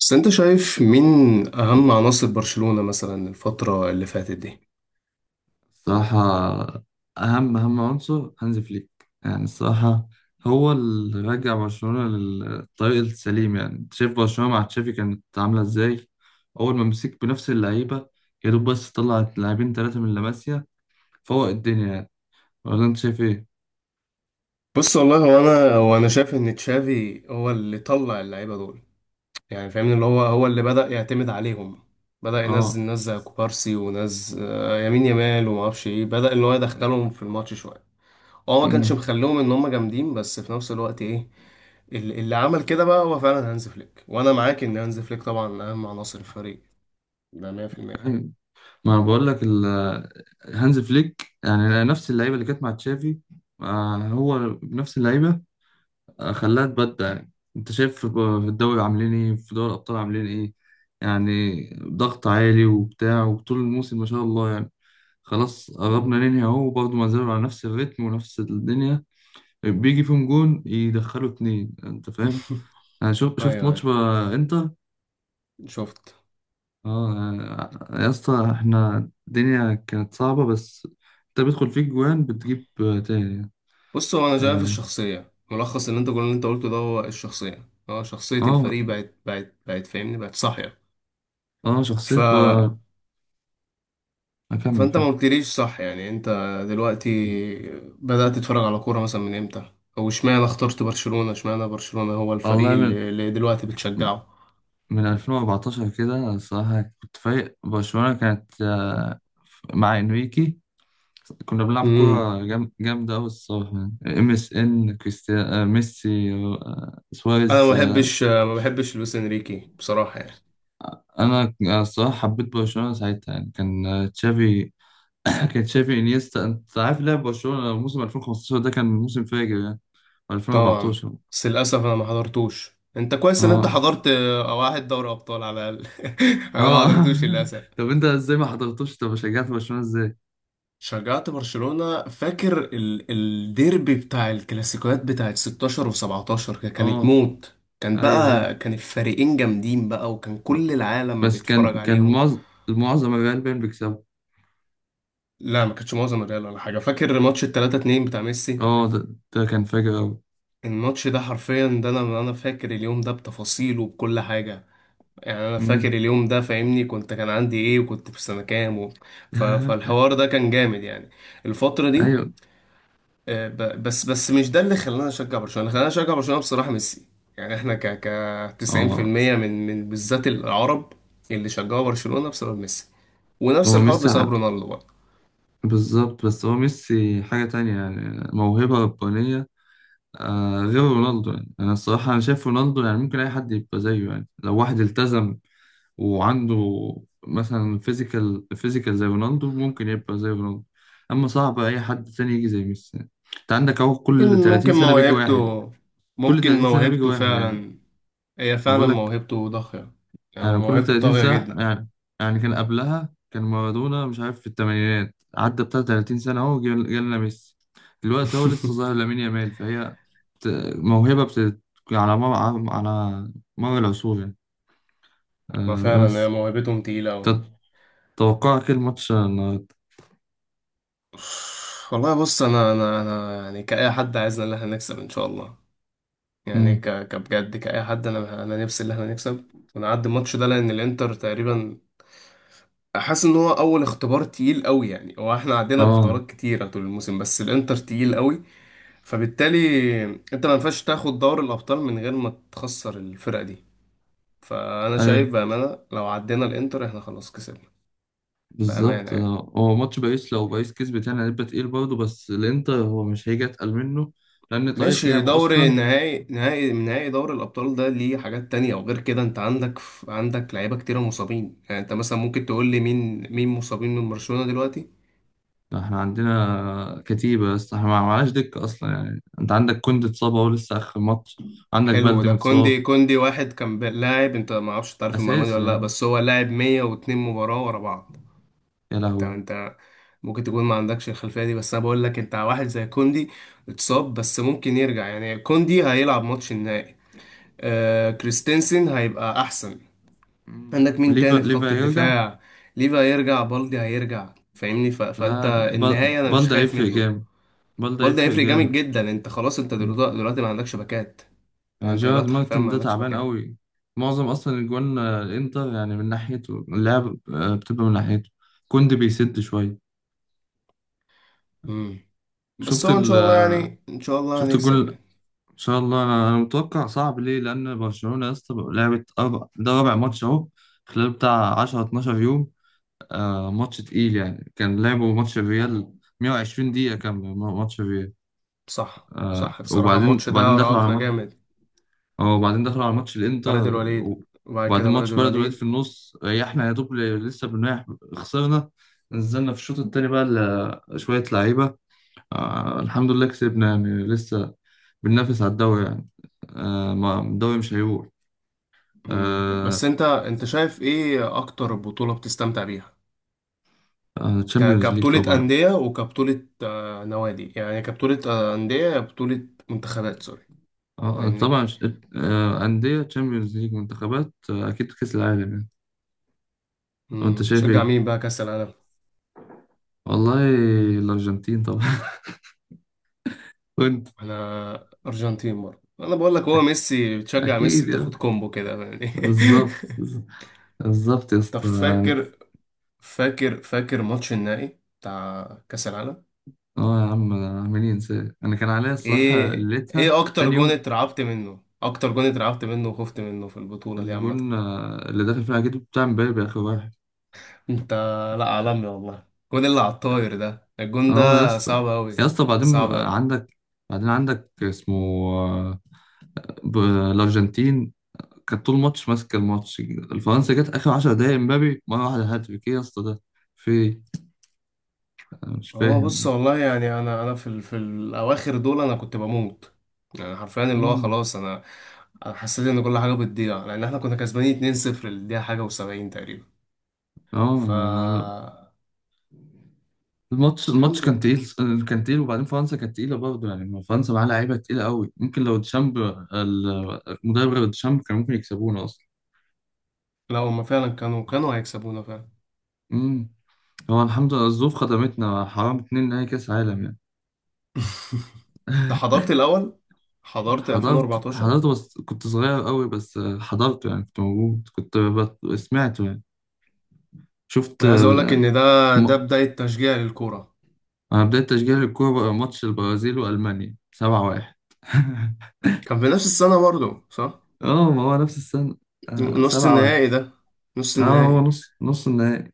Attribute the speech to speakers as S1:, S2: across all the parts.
S1: بس انت شايف مين اهم عناصر برشلونة مثلا الفترة اللي فاتت دي.
S2: الصراحة، أهم عنصر هانز فليك. يعني الصراحة، هو اللي رجع برشلونة للطريق السليم. يعني أنت شايف برشلونة مع تشافي كانت عاملة إزاي؟ أول ما مسك بنفس اللعيبة، يا دوب بس طلع لاعبين ثلاثة من لاماسيا فوق الدنيا يعني. ولا أنت شايف إيه؟
S1: بص والله، هو انا هو انا شايف ان تشافي هو اللي طلع اللعيبة دول، يعني فاهمني، اللي هو اللي بدأ يعتمد عليهم، بدأ ينزل
S2: آه.
S1: ناس زي كوبارسي وناس يمين يمال وما اعرفش ايه، بدأ ان هو يدخلهم في الماتش شوية. هو ما كانش
S2: أمم.
S1: مخليهم ان هم جامدين، بس في نفس الوقت ايه، اللي عمل كده بقى هو فعلا هانز فليك، وانا معاك ان هانز فليك طبعا اهم عناصر الفريق. ده 100%.
S2: أيوة. ما أنا بقول لك هانز فليك يعني نفس اللعيبة اللي كانت مع تشافي. هو نفس اللعيبة. خلاها تبدع. يعني انت شايف في الدوري عاملين ايه، في دوري الابطال عاملين ايه؟ يعني ضغط عالي وبتاع، وطول الموسم ما شاء الله يعني. خلاص قربنا ننهي اهو، وبرضه ما زالوا على نفس الريتم ونفس الدنيا. بيجي فيهم جون يدخلوا اتنين، انت فاهم. انا
S1: ايوه،
S2: شفت ماتش
S1: أيوة،
S2: بقى انتر.
S1: شفت.
S2: اه، يا اسطى احنا الدنيا كانت صعبة بس. انت بيدخل فيك جوان بتجيب تاني.
S1: بص، هو انا شايف
S2: اه.
S1: الشخصيه، ملخص اللي انت كل اللي انت قلته ده هو الشخصيه، اه، شخصيه
S2: اه.
S1: الفريق بقت فاهمني، بقت صاحيه. ف
S2: شخصية بقى. اكمل،
S1: فانت ما
S2: كمل.
S1: قلتليش صح يعني، انت دلوقتي بدات تتفرج على كوره مثلا من امتى؟ او اشمعنى اخترت برشلونه؟ اشمعنى برشلونه هو الفريق
S2: والله،
S1: اللي دلوقتي بتشجعه؟
S2: من 2014 كده الصراحة كنت فايق. برشلونة كانت مع انريكي. كنا بنلعب
S1: امم.
S2: كورة جامدة أوي الصراحة. يعني. ام اس ان، كريستيانو، ميسي،
S1: انا
S2: سواريز،
S1: ما بحبش لويس انريكي بصراحه يعني.
S2: أنا الصراحة حبيت برشلونة ساعتها. يعني كان تشافي. كان تشافي، انيستا، أنت عارف لعب برشلونة موسم 2015. ده كان موسم فاجر يعني.
S1: طبعا.
S2: 2014.
S1: بس للاسف انا ما حضرتوش، انت كويس ان انت
S2: اه.
S1: حضرت واحد دوري ابطال على الاقل. انا ما
S2: اه.
S1: حضرتوش للاسف.
S2: طب أنت ازاي ما حضرتوش؟ طب شجعت برشلونة ازاي؟
S1: شجعت برشلونة فاكر الديربي بتاع الكلاسيكوات بتاعت 16 و17، كانت
S2: اه.
S1: موت، كان
S2: ايوه، ايوه.
S1: بقى كان الفريقين جامدين بقى، وكان كل العالم
S2: بس
S1: بيتفرج
S2: كان
S1: عليهم.
S2: معظم الريال باين بيكسبوا.
S1: لا ما كانتش معظم الريال ولا حاجة، فاكر ماتش ال 3-2 بتاع ميسي،
S2: اه، ده كان فاجر أوي.
S1: الماتش ده حرفيا ده، انا فاكر اليوم ده بتفاصيله، بكل حاجة يعني. انا فاكر
S2: مم.
S1: اليوم ده فاهمني، كنت كان عندي ايه، وكنت في سنة كام فالحوار ده كان جامد يعني. الفترة دي،
S2: أيوه.
S1: بس مش ده اللي خلانا نشجع برشلونة، اللي خلانا نشجع برشلونة بصراحة ميسي. يعني احنا ك ك
S2: اه،
S1: 90% من بالذات العرب اللي شجعوا برشلونة بسبب ميسي، ونفس
S2: هو
S1: الحوار
S2: ميسي
S1: بسبب رونالدو برضه.
S2: بالظبط. بس هو ميسي حاجة تانية يعني موهبة ربانية. غير رونالدو يعني. أنا الصراحة أنا شايف رونالدو يعني ممكن أي حد يبقى زيه، يعني لو واحد التزم وعنده مثلا فيزيكال زي رونالدو ممكن يبقى زي رونالدو. أما صعب أي حد تاني يجي زي ميسي يعني. أنت عندك أهو، كل
S1: ممكن
S2: 30
S1: ممكن
S2: سنة بيجي واحد.
S1: موهبته،
S2: كل
S1: ممكن
S2: 30 سنة بيجي
S1: موهبته
S2: واحد يعني.
S1: فعلا، هي
S2: أنا
S1: فعلا
S2: بقول لك،
S1: موهبته ضاغية، يعني
S2: يعني كل
S1: موهبته
S2: 30
S1: طاغية
S2: ساعة
S1: جدا.
S2: يعني. يعني كان قبلها كان مارادونا، مش عارف في الثمانينات عدى بتاع 30 سنة أهو جالنا ميسي. دلوقتي أهو لسه ظاهر لامين يامال، فهي بت- موهبة على مر على مر العصور يعني.
S1: ما
S2: أه
S1: فعلا هي
S2: بس.
S1: موهبتهم تقيلة أوي.
S2: تت- توقعك إيه الماتش النهاردة؟
S1: والله بص، أنا يعني كأي حد عايزنا إن احنا نكسب إن شاء الله، يعني
S2: مم.
S1: كبجد كأي حد، أنا نفسي إن إحنا نكسب ونعدي الماتش ده، لأن الإنتر تقريبا حاسس إن هو أول اختبار تقيل قوي يعني. هو إحنا عدينا
S2: اه.
S1: باختبارات كتيرة طول الموسم، بس الإنتر تقيل قوي، فبالتالي أنت ما ينفعش تاخد دوري الأبطال من غير ما تخسر الفرقة دي. فأنا شايف
S2: ايوه،
S1: بأمانة لو عدينا الإنتر إحنا خلاص كسبنا بأمانة
S2: بالظبط.
S1: يعني.
S2: هو ماتش باريس لو باريس كسبت يعني هيبقى تقيل برضه، بس الانتر هو مش هيجي اتقل منه. لان طريقه
S1: ماشي،
S2: لعبه
S1: دوري
S2: اصلا.
S1: نهائي دوري الأبطال ده ليه حاجات تانية، وغير كده أنت عندك لعيبة كتيرة مصابين، يعني أنت مثلا ممكن تقول لي مين مين مصابين من برشلونة دلوقتي؟
S2: احنا عندنا كتيبة، بس احنا ما معناش دكة اصلا. يعني انت عندك كوندي اتصاب اهو لسه اخر ماتش. عندك
S1: حلو،
S2: بلدي
S1: ده كوندي،
S2: متصاب،
S1: كوندي واحد كان لاعب، أنت ما أعرفش تعرف المعلومة دي
S2: اساسي
S1: ولا لأ،
S2: يعني.
S1: بس هو لاعب 102 مباراة ورا بعض.
S2: يا
S1: أنت
S2: لهوي.
S1: أنت ممكن تكون ما عندكش الخلفية دي، بس أنا بقول لك أنت واحد زي كوندي اتصاب بس ممكن يرجع، يعني كوندي هيلعب ماتش النهائي، آه كريستنسن هيبقى أحسن.
S2: مم.
S1: عندك مين
S2: وليفا،
S1: تاني في خط
S2: هيرجع.
S1: الدفاع؟ ليفا هيرجع، بالدي هيرجع، فاهمني، فانت
S2: لا،
S1: النهاية انا مش
S2: بلدي
S1: خايف
S2: هيفرق
S1: منه.
S2: جامد. بلدي
S1: بالدي
S2: هيفرق
S1: هيفرق جامد
S2: جامد.
S1: جدا، انت خلاص انت
S2: مم.
S1: دلوقتي ما عندكش باكات، يعني
S2: يعني
S1: انت
S2: جيرارد
S1: دلوقتي حرفيا
S2: مارتن
S1: ما
S2: ده
S1: عندكش
S2: تعبان
S1: باكات.
S2: قوي. معظم اصلا الجوان، الانتر يعني من ناحيته اللعب، بتبقى من ناحيته. كوندي بيسد شوية.
S1: امم. بس
S2: شفت
S1: هو ان
S2: ال
S1: شاء الله
S2: آه،
S1: يعني، ان شاء الله
S2: شفت
S1: هنكسب
S2: الجون.
S1: يعني.
S2: ان شاء الله، انا متوقع صعب. ليه؟ لان برشلونه يا اسطى بقى لعبت أربع، ده رابع ماتش اهو، خلال بتاع 10 12 يوم. آه، ماتش تقيل يعني. كان لعبوا ماتش الريال، 120 دقيقه كامله ماتش الريال.
S1: صح
S2: آه،
S1: صح، بصراحة
S2: وبعدين
S1: الماتش ده
S2: دخلوا على
S1: راهقنا
S2: ماتش.
S1: جامد.
S2: اه، وبعدين دخلوا على ماتش
S1: بلد
S2: الانتر.
S1: الوليد، وبعد كده
S2: وبعدين
S1: بلد
S2: ماتش بلد الوليد
S1: الوليد.
S2: في النص، ريحنا يا دوب لسه بنريح. خسرنا. نزلنا في الشوط التاني بقى شويه لعيبه. آه، الحمد لله كسبنا، يعني لسه بننافس على الدوري يعني. آه، ما الدوري مش هيروح.
S1: امم، بس
S2: آه
S1: انت شايف ايه اكتر بطولة بتستمتع بيها؟
S2: تشامبيونز ليج
S1: كبطولة
S2: طبعا.
S1: أندية، وكبطولة نوادي، يعني كبطولة أندية، بطولة منتخبات سوري، فاهمني.
S2: طبعا أندية تشامبيونز ليج، منتخبات، أكيد كأس العالم يعني. وأنت
S1: مم.
S2: شايف
S1: تشجع
S2: إيه؟
S1: مين بقى كأس العالم؟
S2: والله، الأرجنتين طبعا. وأنت.
S1: أنا أرجنتين برضه، أنا بقول لك هو ميسي، بتشجع ميسي
S2: أكيد يا
S1: بتاخد
S2: اسطى.
S1: كومبو كده يعني.
S2: بالظبط. بالظبط يا
S1: طب
S2: اسطى يعني.
S1: فاكر، فاكر ماتش النهائي بتاع كأس العالم؟
S2: أه يا عم، عاملين إنسان، أنا كان عليا الصراحة
S1: إيه
S2: ليتها
S1: إيه أكتر
S2: تاني
S1: جون
S2: يوم.
S1: اترعبت منه، أكتر جون اترعبت منه وخفت منه في البطولة دي عامة؟
S2: الجون اللي دخل فيها أكيد بتاع مبابي آخر واحد.
S1: انت، لا، عالمي والله، الجون اللي على الطاير ده، الجون ده
S2: أه يا اسطى.
S1: صعب قوي،
S2: يا اسطى بعدين،
S1: صعب
S2: آه،
S1: قوي.
S2: عندك بعدين عندك اسمه، آه، ب- الأرجنتين كانت طول الماتش ماسكه الماتش، الفرنسا جت اخر 10 دقايق امبابي مره واحده هاتريك، ايه يا اسطى ده؟ في إيه؟ انا مش
S1: هو بص،
S2: فاهم.
S1: والله يعني انا انا في في الاواخر دول انا كنت بموت، يعني حرفيا اللي هو
S2: امم.
S1: خلاص انا حسيت ان كل حاجه بتضيع، لان احنا كنا كسبانين 2-0 للدقيقه حاجه و70 تقريبا،
S2: اه،
S1: ف
S2: الماتش
S1: الحمد لله.
S2: كان تقيل. كان تقيل، وبعدين فرنسا كانت تقيله برضه يعني. ما فرنسا معاها لعيبه تقيله قوي، ممكن لو ديشامب المدرب غير ديشامب كان ممكن يكسبونا اصلا.
S1: لا هما فعلا كانوا هيكسبونا فعلا.
S2: امم. هو الحمد لله الظروف خدمتنا. حرام اتنين نهائي كاس عالم يعني.
S1: انت حضرت الاول، حضرت 2014.
S2: حضرته بس كنت صغير قوي. بس حضرته، يعني كنت موجود، كنت سمعته يعني. شفت.
S1: انا عايز اقول لك ان ده، ده بدايه تشجيع للكوره.
S2: انا بدأت تشجيع الكورة بقى ماتش البرازيل والمانيا 7-1.
S1: كان في نفس السنه برضو صح،
S2: اه، ما هو نفس السنة. آه،
S1: نص
S2: 7-1.
S1: النهائي ده، نص
S2: اه، هو
S1: النهائي.
S2: نص النهائي.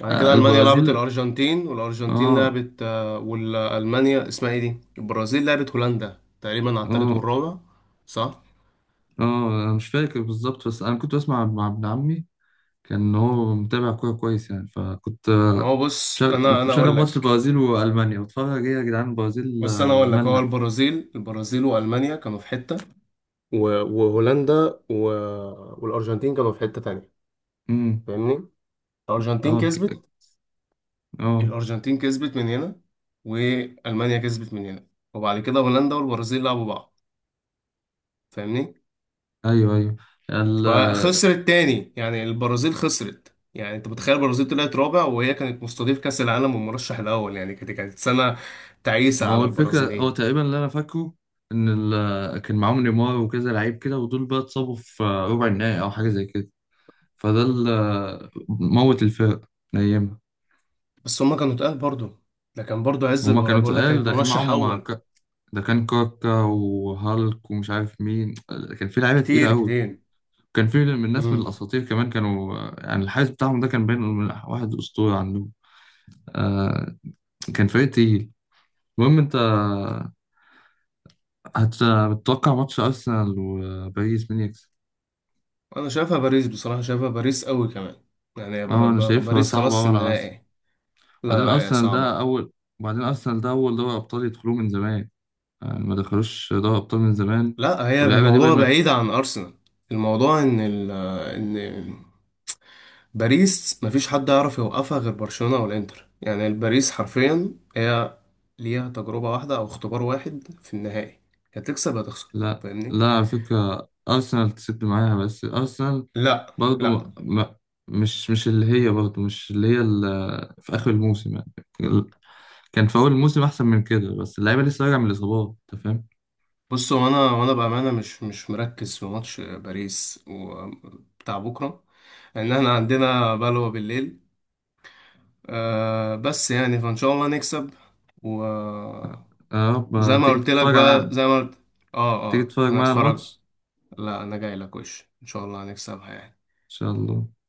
S1: بعد
S2: آه،
S1: كده ألمانيا لعبت
S2: البرازيل.
S1: الأرجنتين، والأرجنتين
S2: اه.
S1: لعبت والألمانيا اسمها ايه دي، البرازيل لعبت هولندا تقريبا على التالت
S2: اه.
S1: والرابع. صح.
S2: اه. انا مش فاكر بالظبط، بس انا كنت بسمع مع ابن عمي. كان هو متابع كورة كويس يعني، فكنت
S1: هو بص
S2: مشغل
S1: أنا أنا أقول
S2: ماتش
S1: لك
S2: البرازيل والمانيا واتفرج. ايه يا جدعان البرازيل
S1: بص أنا أقول لك، هو
S2: مالها؟
S1: البرازيل وألمانيا كانوا في حتة، وهولندا والأرجنتين كانوا في حتة تانية،
S2: امم.
S1: فاهمني. الأرجنتين
S2: اه.
S1: كسبت،
S2: اه.
S1: الأرجنتين كسبت من هنا، وألمانيا كسبت من هنا، وبعد كده هولندا والبرازيل لعبوا بعض، فاهمني.
S2: ايوه، ايوه.
S1: فخسرت تاني يعني، البرازيل خسرت، يعني انت متخيل البرازيل طلعت رابع وهي كانت مستضيف كأس العالم والمرشح الأول، يعني كانت سنة تعيسة
S2: ما
S1: على
S2: هو الفكرة هو
S1: البرازيليين.
S2: تقريبا اللي أنا فاكره، إن كان معاهم نيمار وكذا لعيب كده، ودول بقى اتصابوا في ربع النهائي أو حاجة زي كده. فده اللي موت الفرق أيامها.
S1: بس هما كانوا تقال برضه، ده كان برضه عز
S2: هما
S1: البرازيل
S2: كانوا
S1: بقول لك،
S2: تقال،
S1: كانت
S2: ده كان
S1: مرشح
S2: معاهم
S1: أول،
S2: ده كان كاكا وهالك ومش عارف مين، كان في لعيبة تقيلة
S1: كتير
S2: أوي.
S1: كتير.
S2: كان في من الناس من
S1: امم.
S2: الأساطير كمان كانوا، يعني الحارس بتاعهم ده كان باين إنه من واحد أسطورة عندهم. آه، كان فريق تقيل. المهم أنت، هتتوقع ماتش أرسنال وباريس مين يكسب؟
S1: انا شايفها باريس بصراحة، شايفها باريس قوي كمان، يعني
S2: اه، انا شايفها
S1: باريس
S2: صعبة
S1: خلاص
S2: أوي على أرسنال.
S1: النهائي.
S2: بعدين
S1: لا لا، يا
S2: أرسنال ده
S1: صعبة.
S2: أول بعدين أرسنال ده أول دوري أبطال يدخلوه من زمان. يعني ما دخلوش دوري أبطال من زمان.
S1: لا هي
S2: واللعيبة دي
S1: الموضوع
S2: باين ما.
S1: بعيد عن أرسنال، الموضوع ان باريس مفيش حد يعرف يوقفها غير برشلونة او الانتر، يعني الباريس حرفيا هي ليها تجربة واحدة او اختبار واحد في النهائي، يا تكسب يا تخسر،
S2: لا،
S1: فاهمني.
S2: لا، على فكرة أرسنال تسد معاها. بس أرسنال،
S1: لا
S2: برضه
S1: لا.
S2: ما... ما... مش اللي هي، برضه مش اللي هي في آخر الموسم يعني. كان في أول الموسم أحسن من كده، بس اللعيبة لسه راجعة من الإصابات. أنت فاهم؟
S1: بص هو انا، وانا بامانه مش مركز في ماتش باريس وبتاع بكره، لان احنا عندنا بلوه بالليل. أه بس يعني فان شاء الله نكسب و...
S2: يا
S1: وزي
S2: رب
S1: ما قلت لك بقى، زي ما قلت، اه
S2: تيجي
S1: اه
S2: تتفرج معايا على
S1: هنتفرج.
S2: الماتش.
S1: لا انا جاي لك وش، ان شاء الله هنكسبها يعني.
S2: إن شاء الله.